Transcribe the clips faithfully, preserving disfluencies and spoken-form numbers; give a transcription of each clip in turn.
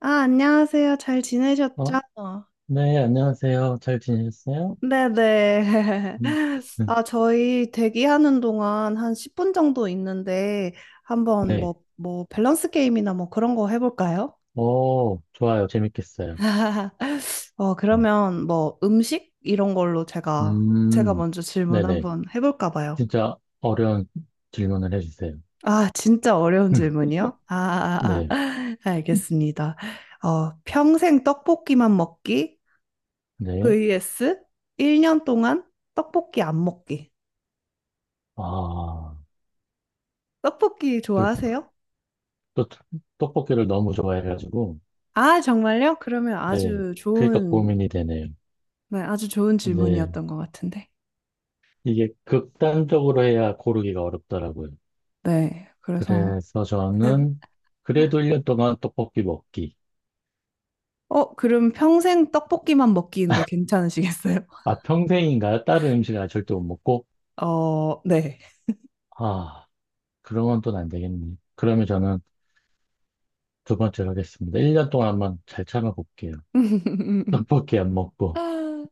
아, 안녕하세요. 잘 지내셨죠? 어? 네, 안녕하세요. 잘 지내셨어요? 네네. 음. 음. 아, 저희 대기하는 동안 한 십 분 정도 있는데, 한번 네. 뭐, 뭐, 밸런스 게임이나 뭐 그런 거 해볼까요? 오, 좋아요. 재밌겠어요. 어, 음. 그러면 뭐 음식? 이런 걸로 제가, 제가 음. 먼저 질문 네네. 한번 해볼까 봐요. 진짜 어려운 질문을 해주세요. 아, 진짜 어려운 질문이요? 아, 아, 아. 네, 알겠습니다. 어, 평생 떡볶이만 먹기 네. vs 일 년 동안 떡볶이 안 먹기. 아, 떡볶이 그렇구나. 좋아하세요? 또, 떡볶이를 너무 좋아해가지고, 아, 정말요? 그러면 네. 아주 그러니까 좋은, 고민이 되네요. 네, 아주 좋은 네. 질문이었던 것 같은데. 이게 극단적으로 해야 고르기가 어렵더라고요. 네, 그래서. 그래서 저는 그래도 일 년 동안 떡볶이 먹기. 어, 그럼 평생 떡볶이만 먹기인데 괜찮으시겠어요? 아, 평생인가요? 다른 음식 아예 절대 못 먹고? 어, 네. 아, 그러면 또 안 되겠네. 그러면 저는 두 번째로 하겠습니다. 일 년 동안 한번 잘 참아볼게요. 떡볶이 안 먹고.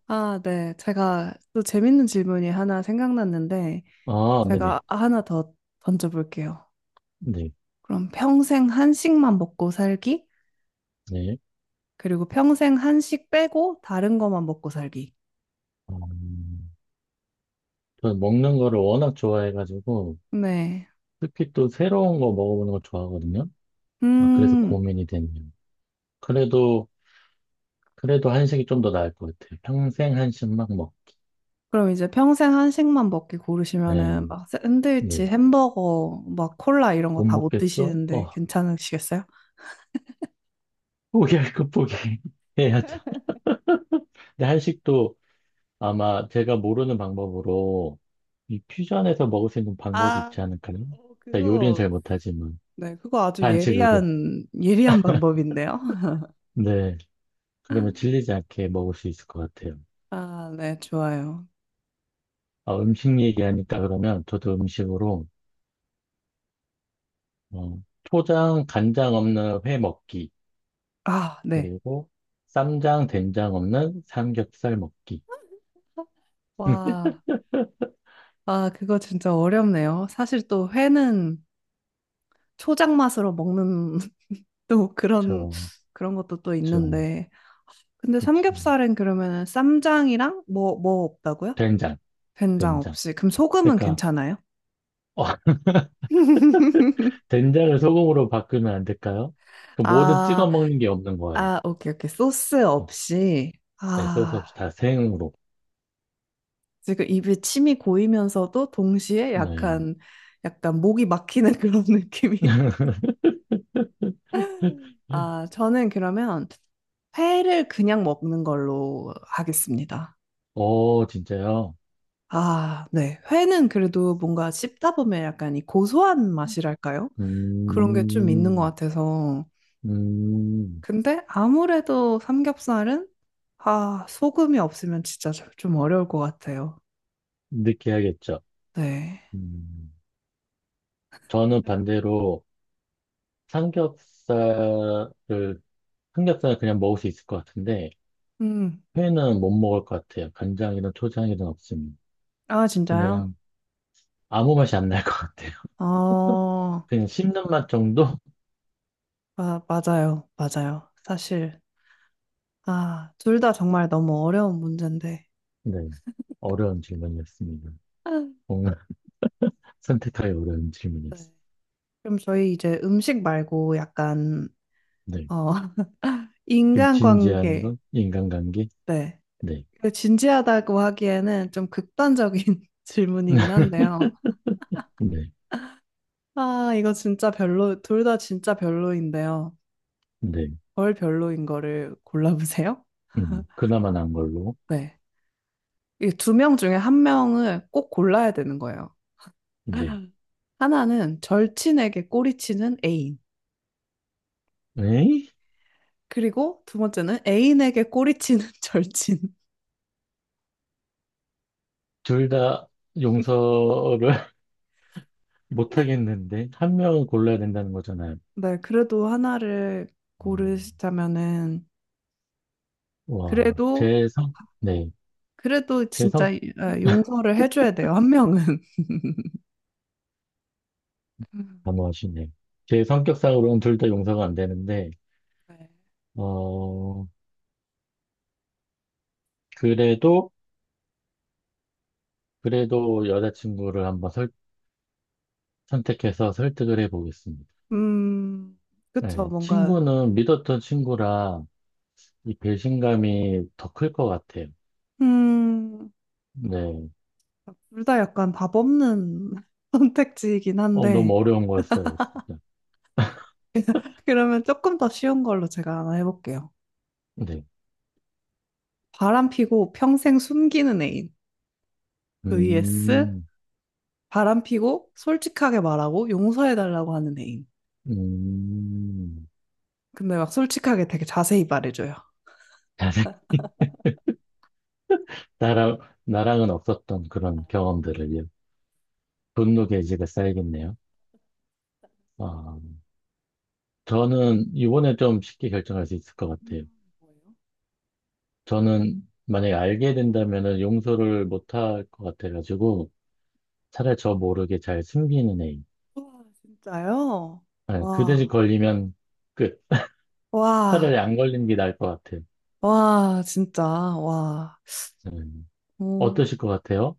아, 네. 제가 또 재밌는 질문이 하나 생각났는데, 아, 네, 네. 제가 하나 더 던져볼게요. 네, 그럼 평생 한식만 먹고 살기? 네. 그리고 평생 한식 빼고 다른 것만 먹고 살기. 음, 저는 먹는 거를 워낙 좋아해가지고, 네. 특히 또 새로운 거 먹어보는 거 좋아하거든요. 아, 그래서 음. 고민이 되네요. 그래도, 그래도 한식이 좀 더 나을 것 같아요. 평생 한식만 먹. 그럼 이제 평생 한식만 먹기 네, 고르시면은 막 샌드위치, 네. 햄버거, 막 콜라 이런 거 못 다 못 먹겠죠? 드시는데 어, 괜찮으시겠어요? 포기할 거 포기해야죠. 근데 한식도 아마 제가 모르는 방법으로 이 퓨전에서 먹을 수 있는 방법이 아, 있지 않을까요? 어, 자, 요리는 그거, 잘 못하지만 네, 그거 아주 반칙으로. 예리한, 예리한 방법인데요. 네. 그러면 질리지 않게 먹을 수 있을 것 같아요. 아, 네, 좋아요. 아, 음식 얘기하니까 그러면 저도 음식으로 어, 초장 간장 없는 회 먹기 아, 네. 그리고 쌈장 된장 없는 삼겹살 먹기. 와, 아, 그거 진짜 어렵네요. 사실 또 회는 초장 맛으로 먹는 또 그런, 그쵸, 그런 것도 또 그쵸, 있는데. 근데 그쵸. 삼겹살은 그러면은 쌈장이랑 뭐, 뭐 없다고요? 된장. 된장 된장. 없이. 그럼 소금은 그러니까 괜찮아요? 어, 된장을 소금으로 바꾸면 안 될까요? 그 뭐든 아, 찍어 먹는 게 없는 거예요. 아, 오케이, 오케이. 소스 어, 없이. 애써서 아, 없이 다 생으로. 지금 입에 침이 고이면서도 동시에 네. 약간, 약간 목이 막히는 그런 느낌이. 아, 저는 그러면 회를 그냥 먹는 걸로 하겠습니다. 어, 진짜요? 아, 네. 회는 그래도 뭔가 씹다 보면 약간 이 고소한 맛이랄까요? 그런 게 좀 있는 것 음, 같아서. 음, 근데 아무래도 삼겹살은 아, 소금이 없으면 진짜 저- 좀 어려울 것 같아요. 느끼하겠죠. 네. 음, 저는 반대로 삼겹살을, 삼겹살은 그냥 먹을 수 있을 것 같은데, 음. 회는 못 먹을 것 같아요. 간장이든 초장이든 없으면. 아, 진짜요? 그냥 아무 맛이 안 날 것 같아요. 어, 그냥 씹는 맛 정도? 아, 맞아요. 맞아요. 사실 아, 둘 다 정말 너무 어려운 문제인데. 네. 어려운 질문이었습니다. 아, 뭔가 선택하기 어려운 네. 질문이었어요. 그럼 저희 이제 음식 말고 약간 어, 좀 진지한 인간관계. 건 인간관계? 네. 네. 그 진지하다고 하기에는 좀 극단적인 질문이긴 한데요. 네. 아, 이거 진짜 별로, 둘 다 진짜 별로인데요. 네. 별 별로인 거를 골라보세요. 음, 그나마 난 걸로. 네. 이 두 명 중에 한 명을 꼭 골라야 되는 거예요. 네. 하나는 절친에게 꼬리치는 애인. 에이? 그리고 두 번째는 애인에게 꼬리치는 절친. 둘 다 용서를 못 하겠는데, 한 명을 골라야 된다는 거잖아요. 네, 그래도 하나를 음, 고르시자면은, 와, 그래도, 제 성, 네. 그래도 제 진짜 성, 아, 용서를 해줘야 돼요, 한 명은. 음, 단호하시네. 제 성격상으로는 둘 다 용서가 안 되는데, 네. 어, 그래도, 그래도 여자친구를 한번 설- 선택해서 설득을 해보겠습니다. 음, 그쵸, 네. 뭔가, 친구는 믿었던 친구라, 이 배신감이 더 클 것 같아요. 음, 네. 둘 다 약간 답 없는 선택지이긴 어, 너무 한데, 어려운 거였어요, 진짜. 그러면 조금 더 쉬운 걸로 제가 하나 해볼게요. 네. 바람 피고 평생 숨기는 애인. vs 음. 바람 피고 솔직하게 말하고 용서해달라고 하는 애인. 음. 근데 막 솔직하게 되게 자세히 말해줘요. 나랑, 나랑은 없었던 그런 경험들을요. 분노 게이지가 쌓이겠네요. 아, 저는 이번에 좀 쉽게 결정할 수 있을 것 같아요. 저는 만약에 알게 된다면은 용서를 못 할 것 같아가지고 차라리 저 모르게 잘 숨기는 애인. 와, 진짜요? 아, 그 대신 와, 걸리면 끝. 와, 차라리 안 걸리는 게 나을 것 같아요. 와, 진짜, 와. 네. 어떠실 것 같아요?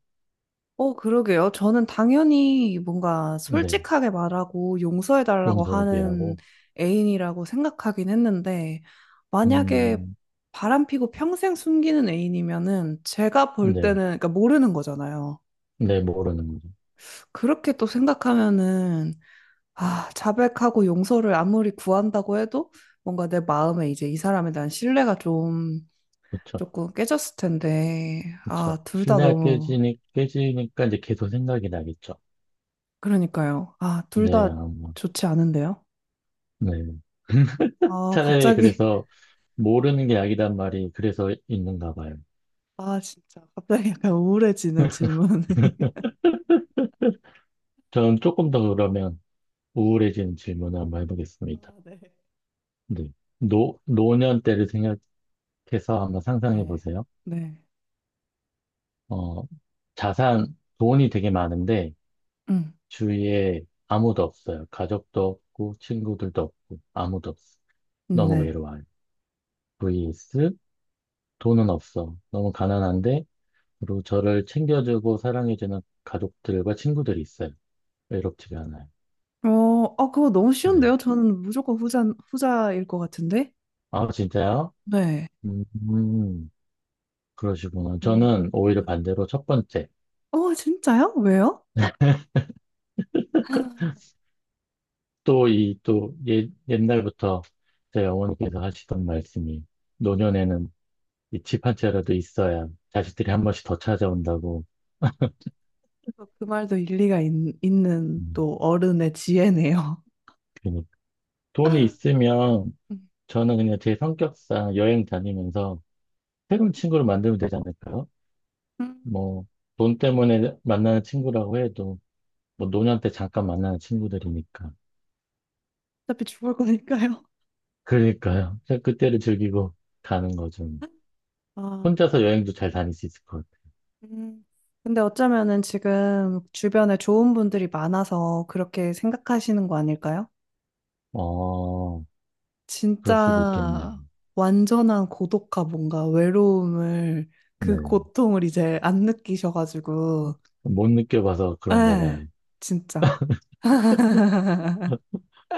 어, 그러게요. 저는 당연히 뭔가 네, 솔직하게 말하고 용서해달라고 용서를 하는 비하고, 애인이라고 생각하긴 했는데, 만약에 음, 바람피고 평생 숨기는 애인이면은 제가 볼 네, 때는, 그러니까 모르는 거잖아요. 네, 모르는 거죠. 그렇게 또 생각하면은, 아, 자백하고 용서를 아무리 구한다고 해도 뭔가 내 마음에 이제 이 사람에 대한 신뢰가 좀 그렇죠, 조금 깨졌을 텐데, 그렇죠. 아, 둘 다 신뢰가 너무, 깨지니, 깨지니까 이제 계속 생각이 나겠죠. 그러니까요. 아, 둘 네, 다 아마, 좋지 않은데요? 네. 아, 차라리 갑자기, 그래서 모르는 게 약이란 말이 그래서 있는가 봐요. 아, 진짜, 갑자기 약간 우울해지는 질문이. 저는 조금 더 그러면 우울해지는 질문을 한번 해보겠습니다. 아, 네. 네. 노, 노년 때를 생각해서 한번 상상해 네. 보세요. 네. 어, 자산, 돈이 되게 많은데, 음, 주위에 아무도 없어요. 가족도 없고, 친구들도 없고, 아무도 없어. 너무 네. 외로워요. vs 돈은 없어. 너무 가난한데, 그리고 저를 챙겨주고 사랑해주는 가족들과 친구들이 있어요. 외롭지가 않아요. 어, 어, 그거 너무 네. 쉬운데요? 저는 무조건 후자, 후자일 것 같은데? 아, 진짜요? 네. 음, 음, 그러시구나. 음. 저는 오히려 반대로 첫 번째. 어, 진짜요? 왜요? 또 이, 또 예, 옛날부터 제 어머니께서 하시던 말씀이 노년에는 이 집 한 채라도 있어야 자식들이 한 번씩 더 찾아온다고. 또 그 말도 일리가 있, 있는 음, 또 어른의 지혜네요. 괜히 돈이 있으면 저는 그냥 제 성격상 여행 다니면서 새로운 친구를 만들면 되지 않을까요? 음, 뭐, 돈 때문에 만나는 친구라고 해도 뭐 노년 때 잠깐 만나는 친구들이니까. 어차피 죽을 거니까요. 그러니까요. 그냥 그때를 즐기고 가는 거죠. 아. 혼자서 여행도 잘 다닐 수 있을 것 같아요. 음, 근데 어쩌면은 지금 주변에 좋은 분들이 많아서 그렇게 생각하시는 거 아닐까요? 어, 그럴 수도 있겠네요. 진짜 완전한 고독과 뭔가 외로움을 그 네. 고통을 이제 안 느끼셔가지고, 못 느껴봐서 그런가 봐요. 에, 진짜.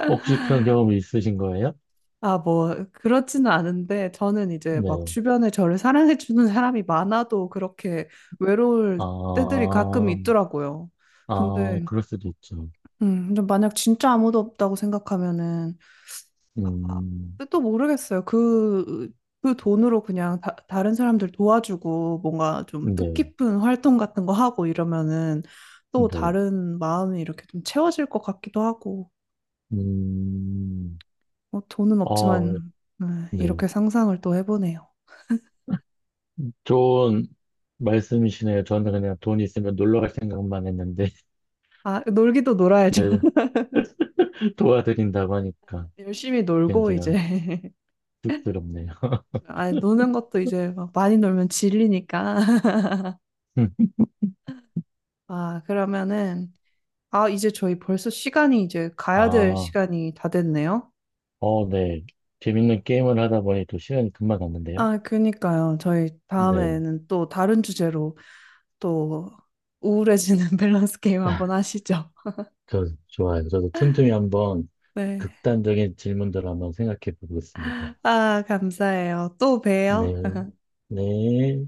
혹시 그런 경험이 있으신 거예요? 아, 뭐, 그렇지는 않은데, 저는 이제 막 네. 주변에 저를 사랑해주는 사람이 많아도 그렇게 외로울 때들이 아, 가끔 있더라고요. 아, 근데, 그럴 수도 있죠. 음, 근데 만약 진짜 아무도 없다고 생각하면은, 음. 근데 또 모르겠어요. 그, 그 돈으로 그냥 다, 다른 사람들 도와주고 뭔가 좀 네. 뜻깊은 활동 같은 거 하고 이러면은 네. 또 다른 마음이 이렇게 좀 채워질 것 같기도 하고, 음. 뭐 돈은 아, 없지만, 음, 네. 이렇게 상상을 또 해보네요. 좋은 말씀이시네요. 저는 그냥 돈 있으면 놀러 갈 생각만 했는데, 아, 놀기도 놀아야죠. 네, 도와드린다고 하니까 열심히 그냥 놀고 제가 이제. 쑥스럽네요. 아, 노는 것도 이제 막 많이 놀면 질리니까. 아, 그러면은, 아, 이제 저희 벌써 시간이 이제 가야 될 아, 시간이 다 됐네요. 어, 네. 재밌는 게임을 하다 보니 또 시간이 금방 갔는데요. 아, 그니까요. 저희 네. 다음에는 또 다른 주제로 또 우울해지는 밸런스 게임 아, 한번 하시죠. 저, 좋아요. 저도 틈틈이 한번 네. 극단적인 질문들을 한번 생각해 보겠습니다. 아, 감사해요. 또 봬요. 네. 네.